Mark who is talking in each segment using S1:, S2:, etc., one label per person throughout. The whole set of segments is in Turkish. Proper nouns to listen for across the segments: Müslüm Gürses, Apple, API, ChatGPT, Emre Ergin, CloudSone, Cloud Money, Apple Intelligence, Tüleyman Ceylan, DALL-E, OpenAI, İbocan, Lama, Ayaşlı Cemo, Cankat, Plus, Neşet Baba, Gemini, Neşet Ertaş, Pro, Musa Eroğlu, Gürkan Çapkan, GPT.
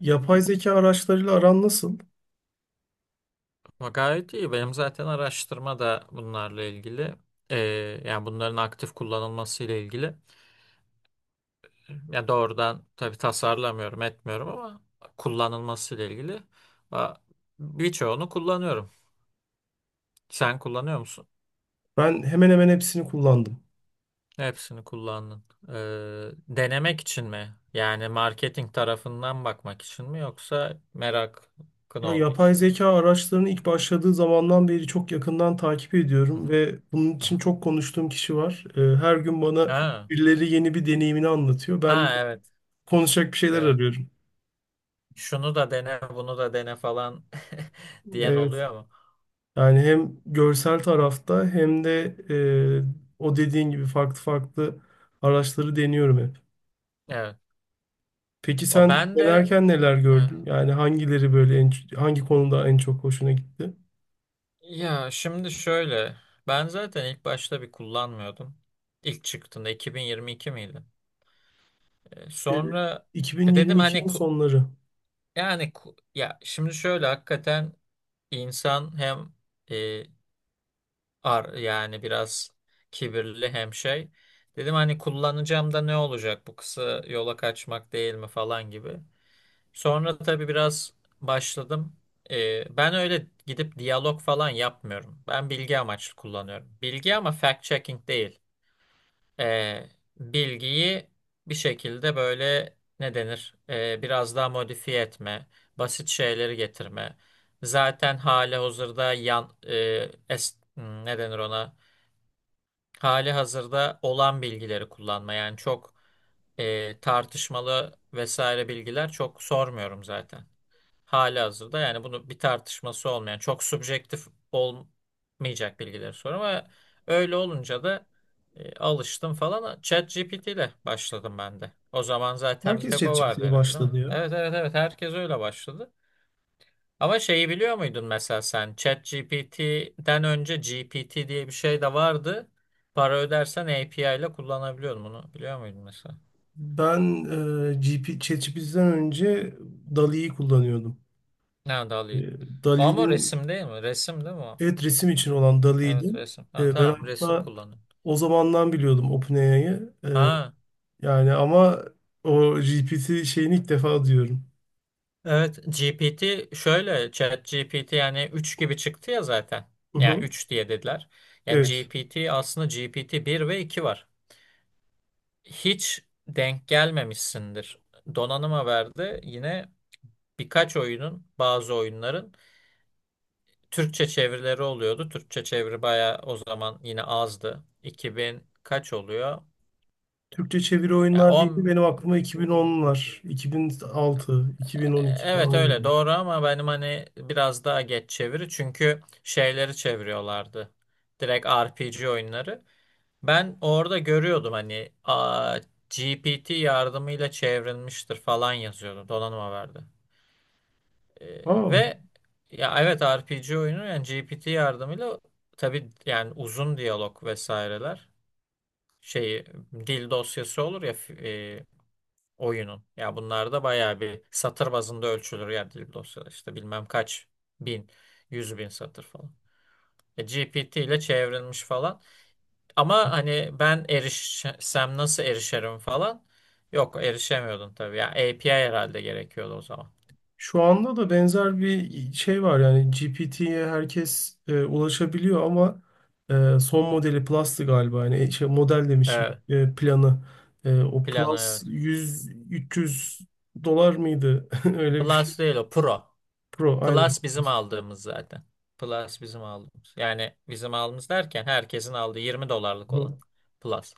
S1: Yapay zeka araçlarıyla aran nasıl?
S2: Ama gayet iyi. Benim zaten araştırma da bunlarla ilgili. Ee, Yani bunların aktif kullanılması ile ilgili. Yani doğrudan tabii tasarlamıyorum, etmiyorum ama kullanılması ile ilgili. Ba- Birçoğunu kullanıyorum. Sen kullanıyor musun?
S1: Ben hemen hemen hepsini kullandım.
S2: Hepsini kullandın. Denemek için mi? Yani marketing tarafından bakmak için mi yoksa merakın
S1: Ya,
S2: olduğu
S1: yapay
S2: için mi?
S1: zeka araçlarının ilk başladığı zamandan beri çok yakından takip
S2: Hı
S1: ediyorum
S2: hı,
S1: ve bunun
S2: hı
S1: için
S2: hı.
S1: çok konuştuğum kişi var. Her gün bana
S2: Ha,
S1: birileri yeni bir deneyimini anlatıyor. Ben
S2: ha, evet.
S1: konuşacak bir şeyler
S2: Evet.
S1: arıyorum.
S2: Şunu da dene, bunu da dene falan diyen
S1: Evet.
S2: oluyor mu?
S1: Yani hem görsel tarafta hem de e, o dediğin gibi farklı farklı araçları deniyorum hep.
S2: Evet.
S1: Peki
S2: O
S1: sen
S2: ben de
S1: denerken neler
S2: evet.
S1: gördün? Yani hangileri böyle hangi konuda en çok hoşuna gitti?
S2: Ya şimdi şöyle, ben zaten ilk başta bir kullanmıyordum. İlk çıktığında 2022 miydi?
S1: E,
S2: Sonra dedim hani
S1: 2022'nin sonları.
S2: yani ya şimdi şöyle, hakikaten insan hem e, yani biraz kibirli hem şey. Dedim hani kullanacağım da ne olacak, bu kısa yola kaçmak değil mi falan gibi. Sonra tabii biraz başladım. Ben öyle gidip diyalog falan yapmıyorum. Ben bilgi amaçlı kullanıyorum. Bilgi ama fact-checking değil. Ee, Bilgiyi bir şekilde böyle ne denir? Biraz daha modifiye etme, basit şeyleri getirme. Zaten hali hazırda ne denir ona? Hali hazırda olan bilgileri kullanma. Yani çok tartışmalı vesaire bilgiler çok sormuyorum zaten. Halihazırda yani bunu bir tartışması olmayan, çok subjektif olmayacak bilgileri sor ama öyle olunca da alıştım falan. ChatGPT ile başladım ben de. O zaman zaten bir
S1: Herkes
S2: tek o vardı
S1: ChatGPT'ye
S2: herhalde, değil mi?
S1: başladı ya.
S2: Evet, evet, evet, herkes öyle başladı. Ama şeyi biliyor muydun, mesela sen ChatGPT'den önce GPT diye bir şey de vardı. Para ödersen API ile kullanabiliyordun, bunu biliyor muydun mesela?
S1: Ben ChatGPT'den önce DALL-E'yi kullanıyordum.
S2: Nerede
S1: E,
S2: alayım? Ama
S1: DALL-E'nin,
S2: resim değil mi? Resim değil mi o?
S1: evet, resim için olan DALL-E'ydi.
S2: Evet, resim. Ha,
S1: Ben
S2: tamam, resim
S1: hatta
S2: kullanıyor.
S1: o zamandan biliyordum OpenAI'yı.
S2: Ha,
S1: Yani ama o GPT şeyini ilk defa diyorum.
S2: evet, GPT şöyle, chat GPT yani 3 gibi çıktı ya zaten.
S1: Hı
S2: Yani
S1: hı.
S2: 3 diye dediler. Yani
S1: Evet.
S2: GPT, aslında GPT bir ve 2 var. Hiç denk gelmemişsindir. Donanıma verdi yine birkaç oyunun, bazı oyunların Türkçe çevirileri oluyordu. Türkçe çeviri bayağı o zaman yine azdı. İki bin kaç oluyor?
S1: Türkçe çeviri
S2: Ya
S1: oyunlar değil de benim aklıma 2010'lar, 2006, 2012
S2: evet,
S1: falan
S2: öyle
S1: geliyor.
S2: doğru ama benim hani biraz daha geç çeviri, çünkü şeyleri çeviriyorlardı. Direkt RPG oyunları. Ben orada görüyordum hani, GPT yardımıyla çevrilmiştir falan yazıyordu. Donanım haberde. Ee,
S1: Aa.
S2: ve ya evet, RPG oyunu yani GPT yardımıyla, tabii yani uzun diyalog vesaireler şeyi, dil dosyası olur ya oyunun. Ya bunlar da bayağı bir satır bazında ölçülür ya, dil dosyaları işte bilmem kaç bin, yüz bin satır falan. GPT ile çevrilmiş falan. Ama hani ben erişsem nasıl erişerim falan. Yok, erişemiyordun tabii. Ya API herhalde gerekiyordu o zaman.
S1: Şu anda da benzer bir şey var, yani GPT'ye herkes ulaşabiliyor, ama son
S2: Hı.
S1: modeli Plus'tı galiba, yani şey, model demişim,
S2: Evet.
S1: planı. O
S2: Plano,
S1: Plus
S2: evet.
S1: 100-300 dolar mıydı? Öyle bir şey.
S2: Plus değil o. Pro.
S1: Pro aynen.
S2: Plus bizim aldığımız zaten. Plus bizim aldığımız. Yani bizim aldığımız derken herkesin aldığı 20 dolarlık olan.
S1: Hı.
S2: Plus.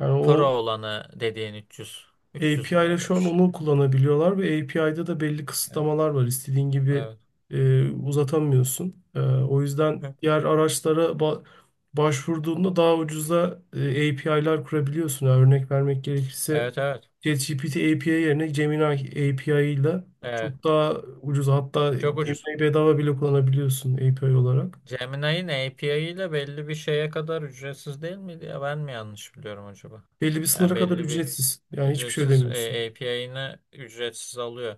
S1: Yani o
S2: Pro olanı dediğin 300. 300 mü,
S1: API ile
S2: öyle
S1: şu
S2: bir
S1: an
S2: şey?
S1: onu kullanabiliyorlar ve API'da da belli
S2: Evet.
S1: kısıtlamalar var. İstediğin gibi
S2: Evet.
S1: uzatamıyorsun. O yüzden
S2: Hı.
S1: diğer araçlara başvurduğunda daha ucuza API'lar kurabiliyorsun. Yani örnek vermek gerekirse
S2: Evet. Evet.
S1: ChatGPT API yerine Gemini API ile
S2: Evet.
S1: çok daha ucuz. Hatta
S2: Çok ucuz.
S1: Gemini bedava bile kullanabiliyorsun API olarak.
S2: Gemini'nin API ile belli bir şeye kadar ücretsiz değil miydi ya? Ben mi yanlış biliyorum acaba?
S1: Belli bir
S2: Yani
S1: sınıra kadar
S2: belli bir
S1: ücretsiz. Yani hiçbir şey
S2: ücretsiz,
S1: ödemiyorsun.
S2: API'ini ücretsiz alıyor.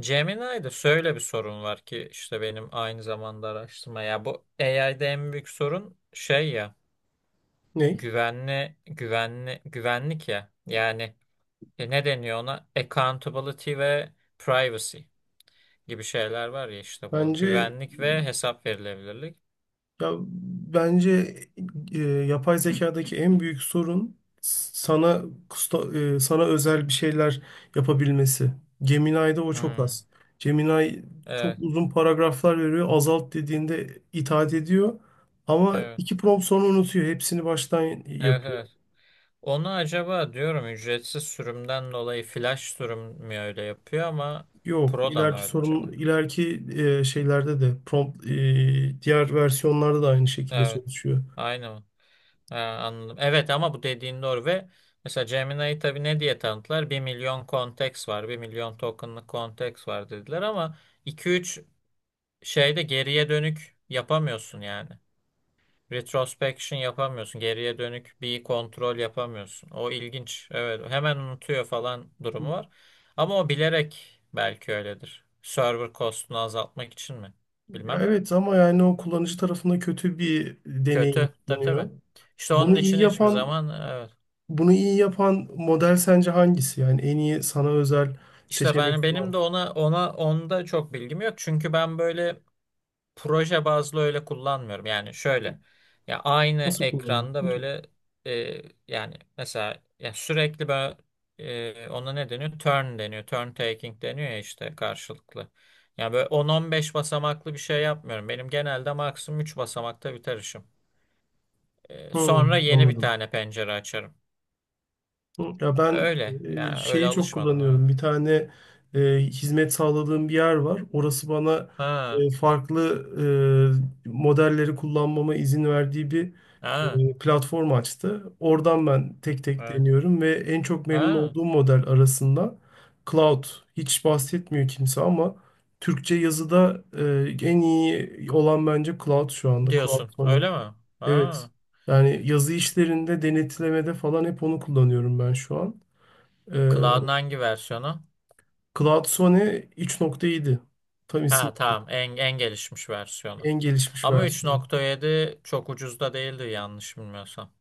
S2: Gemini'de şöyle bir sorun var ki, işte benim aynı zamanda araştırma ya, bu AI'de en büyük sorun şey ya,
S1: Ney?
S2: güvenlik ya, yani ne deniyor ona? Accountability ve privacy gibi şeyler var ya, işte bu.
S1: Bence
S2: Güvenlik ve hesap verilebilirlik.
S1: Ya bence yapay zekadaki en büyük sorun sana sana özel bir şeyler yapabilmesi. Gemini'de o çok
S2: Hmm.
S1: az. Gemini çok
S2: Evet,
S1: uzun paragraflar veriyor. Azalt dediğinde itaat ediyor. Ama
S2: evet,
S1: iki prompt sonra unutuyor. Hepsini baştan
S2: evet,
S1: yapıyor.
S2: evet. Onu acaba diyorum ücretsiz sürümden dolayı flash sürüm mü öyle yapıyor ama
S1: Yok,
S2: Pro da mı öyle acaba?
S1: ileriki şeylerde de prompt, diğer versiyonlarda da aynı şekilde
S2: Evet,
S1: çalışıyor.
S2: aynı mı? Ha, anladım. Evet ama bu dediğin doğru ve mesela Gemini'yi tabii ne diye tanıttılar? 1 milyon konteks var, 1 milyon tokenlık konteks var dediler ama iki üç, şeyde geriye dönük yapamıyorsun yani. Retrospection yapamıyorsun. Geriye dönük bir kontrol yapamıyorsun. O ilginç. Evet, hemen unutuyor falan durumu var. Ama o bilerek belki öyledir. Server cost'unu azaltmak için mi?
S1: Ya,
S2: Bilmem.
S1: evet, ama yani o kullanıcı tarafında kötü bir deneyim
S2: Kötü. Tabii, tabii.
S1: sunuyor.
S2: İşte onun
S1: Bunu iyi
S2: için hiçbir
S1: yapan
S2: zaman evet.
S1: bunu iyi yapan model sence hangisi? Yani en iyi sana özel
S2: İşte
S1: seçenek
S2: ben, benim de
S1: sunan.
S2: ona ona onda çok bilgim yok. Çünkü ben böyle proje bazlı öyle kullanmıyorum. Yani şöyle, ya aynı
S1: Nasıl
S2: ekranda
S1: kullanıyorsun ki?
S2: böyle e, yani mesela ya sürekli böyle ona ne deniyor? Turn deniyor. Turn taking deniyor ya, işte karşılıklı. Ya böyle 10-15 basamaklı bir şey yapmıyorum. Benim genelde maksimum 3 basamakta biter işim.
S1: Hı,
S2: Sonra yeni bir
S1: anladım.
S2: tane pencere açarım.
S1: Hı, ya ben
S2: Öyle. Yani öyle
S1: şeyi çok
S2: alışmadım, evet.
S1: kullanıyorum. Bir tane hizmet sağladığım bir yer var. Orası bana
S2: Ha.
S1: farklı modelleri kullanmama izin verdiği bir
S2: Ha.
S1: platform açtı. Oradan ben tek tek
S2: Evet.
S1: deniyorum ve en çok memnun
S2: Ha.
S1: olduğum model arasında Cloud. Hiç bahsetmiyor kimse ama Türkçe yazıda en iyi olan bence Cloud şu anda. Cloud
S2: Diyorsun.
S1: Money.
S2: Öyle mi?
S1: Evet.
S2: Ha.
S1: Yani yazı işlerinde, denetlemede falan hep onu kullanıyorum ben şu an. Ee,
S2: Cloud'un hangi versiyonu?
S1: CloudSone 3.7. Tam isim.
S2: Ha, tamam, en gelişmiş versiyonu.
S1: En gelişmiş
S2: Ama üç
S1: versiyonu.
S2: nokta yedi çok ucuz da değildi yanlış bilmiyorsam.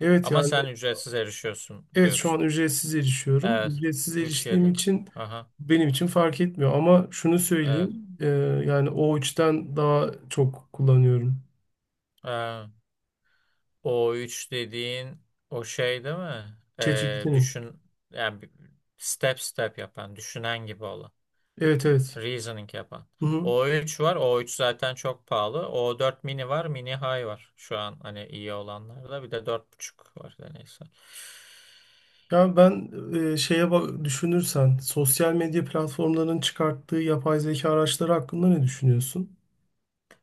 S1: Evet,
S2: Ama
S1: yani
S2: sen ücretsiz erişiyorsun
S1: evet, şu
S2: diyorsun.
S1: an ücretsiz erişiyorum.
S2: Evet.
S1: Ücretsiz
S2: Üç nokta
S1: eriştiğim
S2: yedi.
S1: için
S2: Aha.
S1: benim için fark etmiyor. Ama şunu
S2: Evet.
S1: söyleyeyim. Yani o üçten daha çok kullanıyorum.
S2: Ee, O üç dediğin, o şey değil mi?
S1: ChatGPT'nin.
S2: Düşün yani, step step yapan, düşünen gibi olan.
S1: Evet, evet.
S2: Reasoning yapan.
S1: Hı hı.
S2: O üç var. O üç zaten çok pahalı. O dört mini var. Mini high var. Şu an hani iyi olanlarda. Bir de 4.5 var. Da neyse.
S1: Ya ben şeye bak, düşünürsen sosyal medya platformlarının çıkarttığı yapay zeka araçları hakkında ne düşünüyorsun?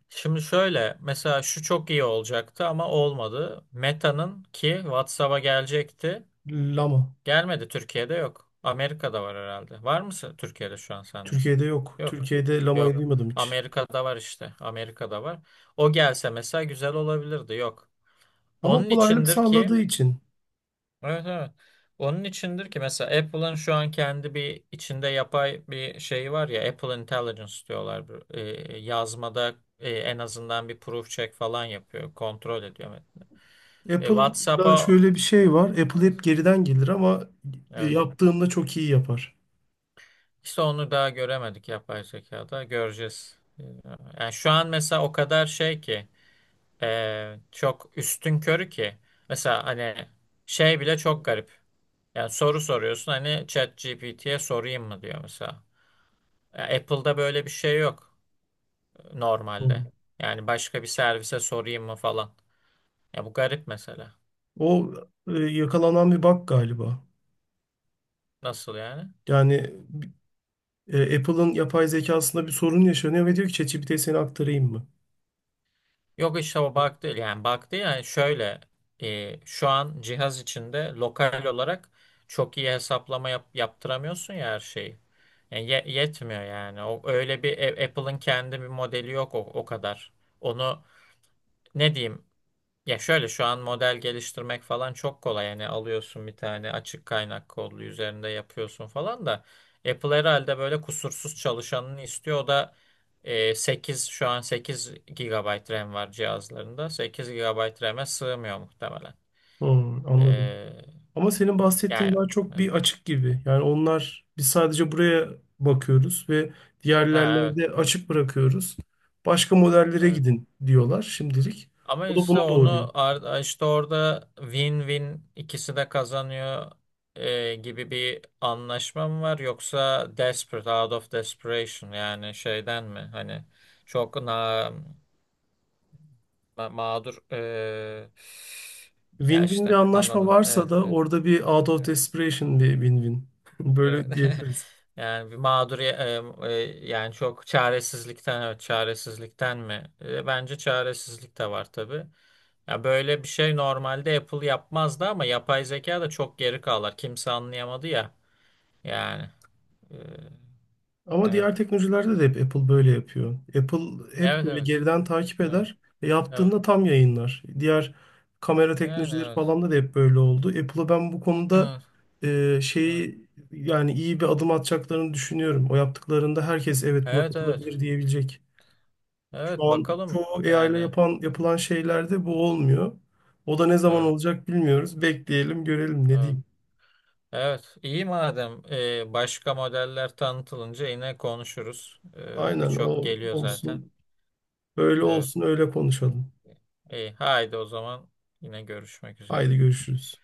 S2: Şimdi şöyle mesela, şu çok iyi olacaktı ama olmadı. Meta'nın ki WhatsApp'a gelecekti.
S1: Lama.
S2: Gelmedi, Türkiye'de yok. Amerika'da var herhalde. Var mısın Türkiye'de şu an sende?
S1: Türkiye'de yok.
S2: Yok.
S1: Türkiye'de lamayı
S2: Yok.
S1: duymadım hiç.
S2: Amerika'da var işte. Amerika'da var. O gelse mesela güzel olabilirdi. Yok.
S1: Ama
S2: Onun
S1: kolaylık
S2: içindir ki,
S1: sağladığı için.
S2: evet, evet. Onun içindir ki mesela Apple'ın şu an kendi bir içinde yapay bir şeyi var ya, Apple Intelligence diyorlar. Bu, yazmada en azından bir proof check falan yapıyor. Kontrol ediyor metni.
S1: Apple'da
S2: WhatsApp'a,
S1: şöyle bir şey
S2: o-
S1: var. Apple hep geriden gelir ama
S2: evet, evet.
S1: yaptığında çok iyi yapar.
S2: İşte onu daha göremedik yapay zekada. Göreceğiz. Yani şu an mesela o kadar şey ki, çok üstünkörü ki mesela hani şey bile çok garip. Yani soru soruyorsun hani, ChatGPT'ye sorayım mı diyor mesela. Ya Apple'da böyle bir şey yok normalde.
S1: Hı.
S2: Yani başka bir servise sorayım mı falan. Ya bu garip mesela.
S1: O yakalanan bir bug galiba.
S2: Nasıl yani?
S1: Yani Apple'ın yapay zekasında bir sorun yaşanıyor ve diyor ki, "ChatGPT'ye seni aktarayım mı?"
S2: Yok işte, o bug değil. Yani bug değil, yani şöyle şu an cihaz içinde lokal olarak çok iyi hesaplama yaptıramıyorsun ya her şeyi. Yani yetmiyor yani. O öyle bir Apple'ın kendi bir modeli yok, o kadar. Onu ne diyeyim. Ya şöyle, şu an model geliştirmek falan çok kolay. Yani alıyorsun bir tane açık kaynak kodlu, üzerinde yapıyorsun falan da Apple herhalde böyle kusursuz çalışanını istiyor. O da 8 şu an 8 gigabayt RAM var cihazlarında. 8 gigabayt RAM'e sığmıyor muhtemelen.
S1: Hı, anladım.
S2: E,
S1: Ama senin bahsettiğin
S2: Yani
S1: daha çok
S2: evet.
S1: bir açık gibi. Yani onlar biz sadece buraya bakıyoruz ve
S2: Ha,
S1: diğerlerine
S2: evet.
S1: de açık bırakıyoruz. Başka modellere
S2: Evet.
S1: gidin diyorlar şimdilik.
S2: Ama
S1: O da
S2: işte
S1: bunu doğuruyor.
S2: onu işte orada win-win ikisi de kazanıyor gibi bir anlaşma mı var, yoksa desperate out of desperation yani şeyden mi, hani çok mağdur ya
S1: Win-win bir
S2: işte
S1: anlaşma
S2: anladın,
S1: varsa
S2: evet,
S1: da
S2: evet,
S1: orada bir out of
S2: evet,
S1: desperation bir win-win.
S2: evet.
S1: Böyle diyebiliriz.
S2: Yani bir mağdur, e, yani çok çaresizlikten, evet, çaresizlikten mi? Bence çaresizlik de var tabii. Ya böyle bir şey normalde Apple yapmazdı ama yapay zeka da çok geri kalır. Kimse anlayamadı ya. Yani. e,
S1: Ama
S2: evet.
S1: diğer teknolojilerde de hep Apple böyle yapıyor. Apple hep
S2: Evet,
S1: böyle
S2: evet.
S1: geriden takip
S2: Evet.
S1: eder. E,
S2: Evet.
S1: Yaptığında tam yayınlar. Diğer kamera
S2: Yani
S1: teknolojileri
S2: evet.
S1: falan da hep böyle oldu. Apple'a ben bu konuda
S2: Evet.
S1: e,
S2: Evet.
S1: şeyi yani iyi bir adım atacaklarını düşünüyorum. O yaptıklarında herkes evet buna
S2: Evet, evet.
S1: katılabilir diyebilecek. Şu
S2: Evet,
S1: an
S2: bakalım
S1: çoğu AI ile
S2: yani. Evet.
S1: yapılan şeylerde bu olmuyor. O da ne zaman
S2: Evet.
S1: olacak bilmiyoruz. Bekleyelim, görelim ne
S2: Evet.
S1: diyeyim.
S2: Evet. İyi madem, başka modeller tanıtılınca yine konuşuruz. E,
S1: Aynen
S2: birçok
S1: o
S2: geliyor zaten.
S1: olsun. Öyle
S2: Evet.
S1: olsun, öyle konuşalım.
S2: İyi. Haydi o zaman yine görüşmek üzere.
S1: Haydi görüşürüz.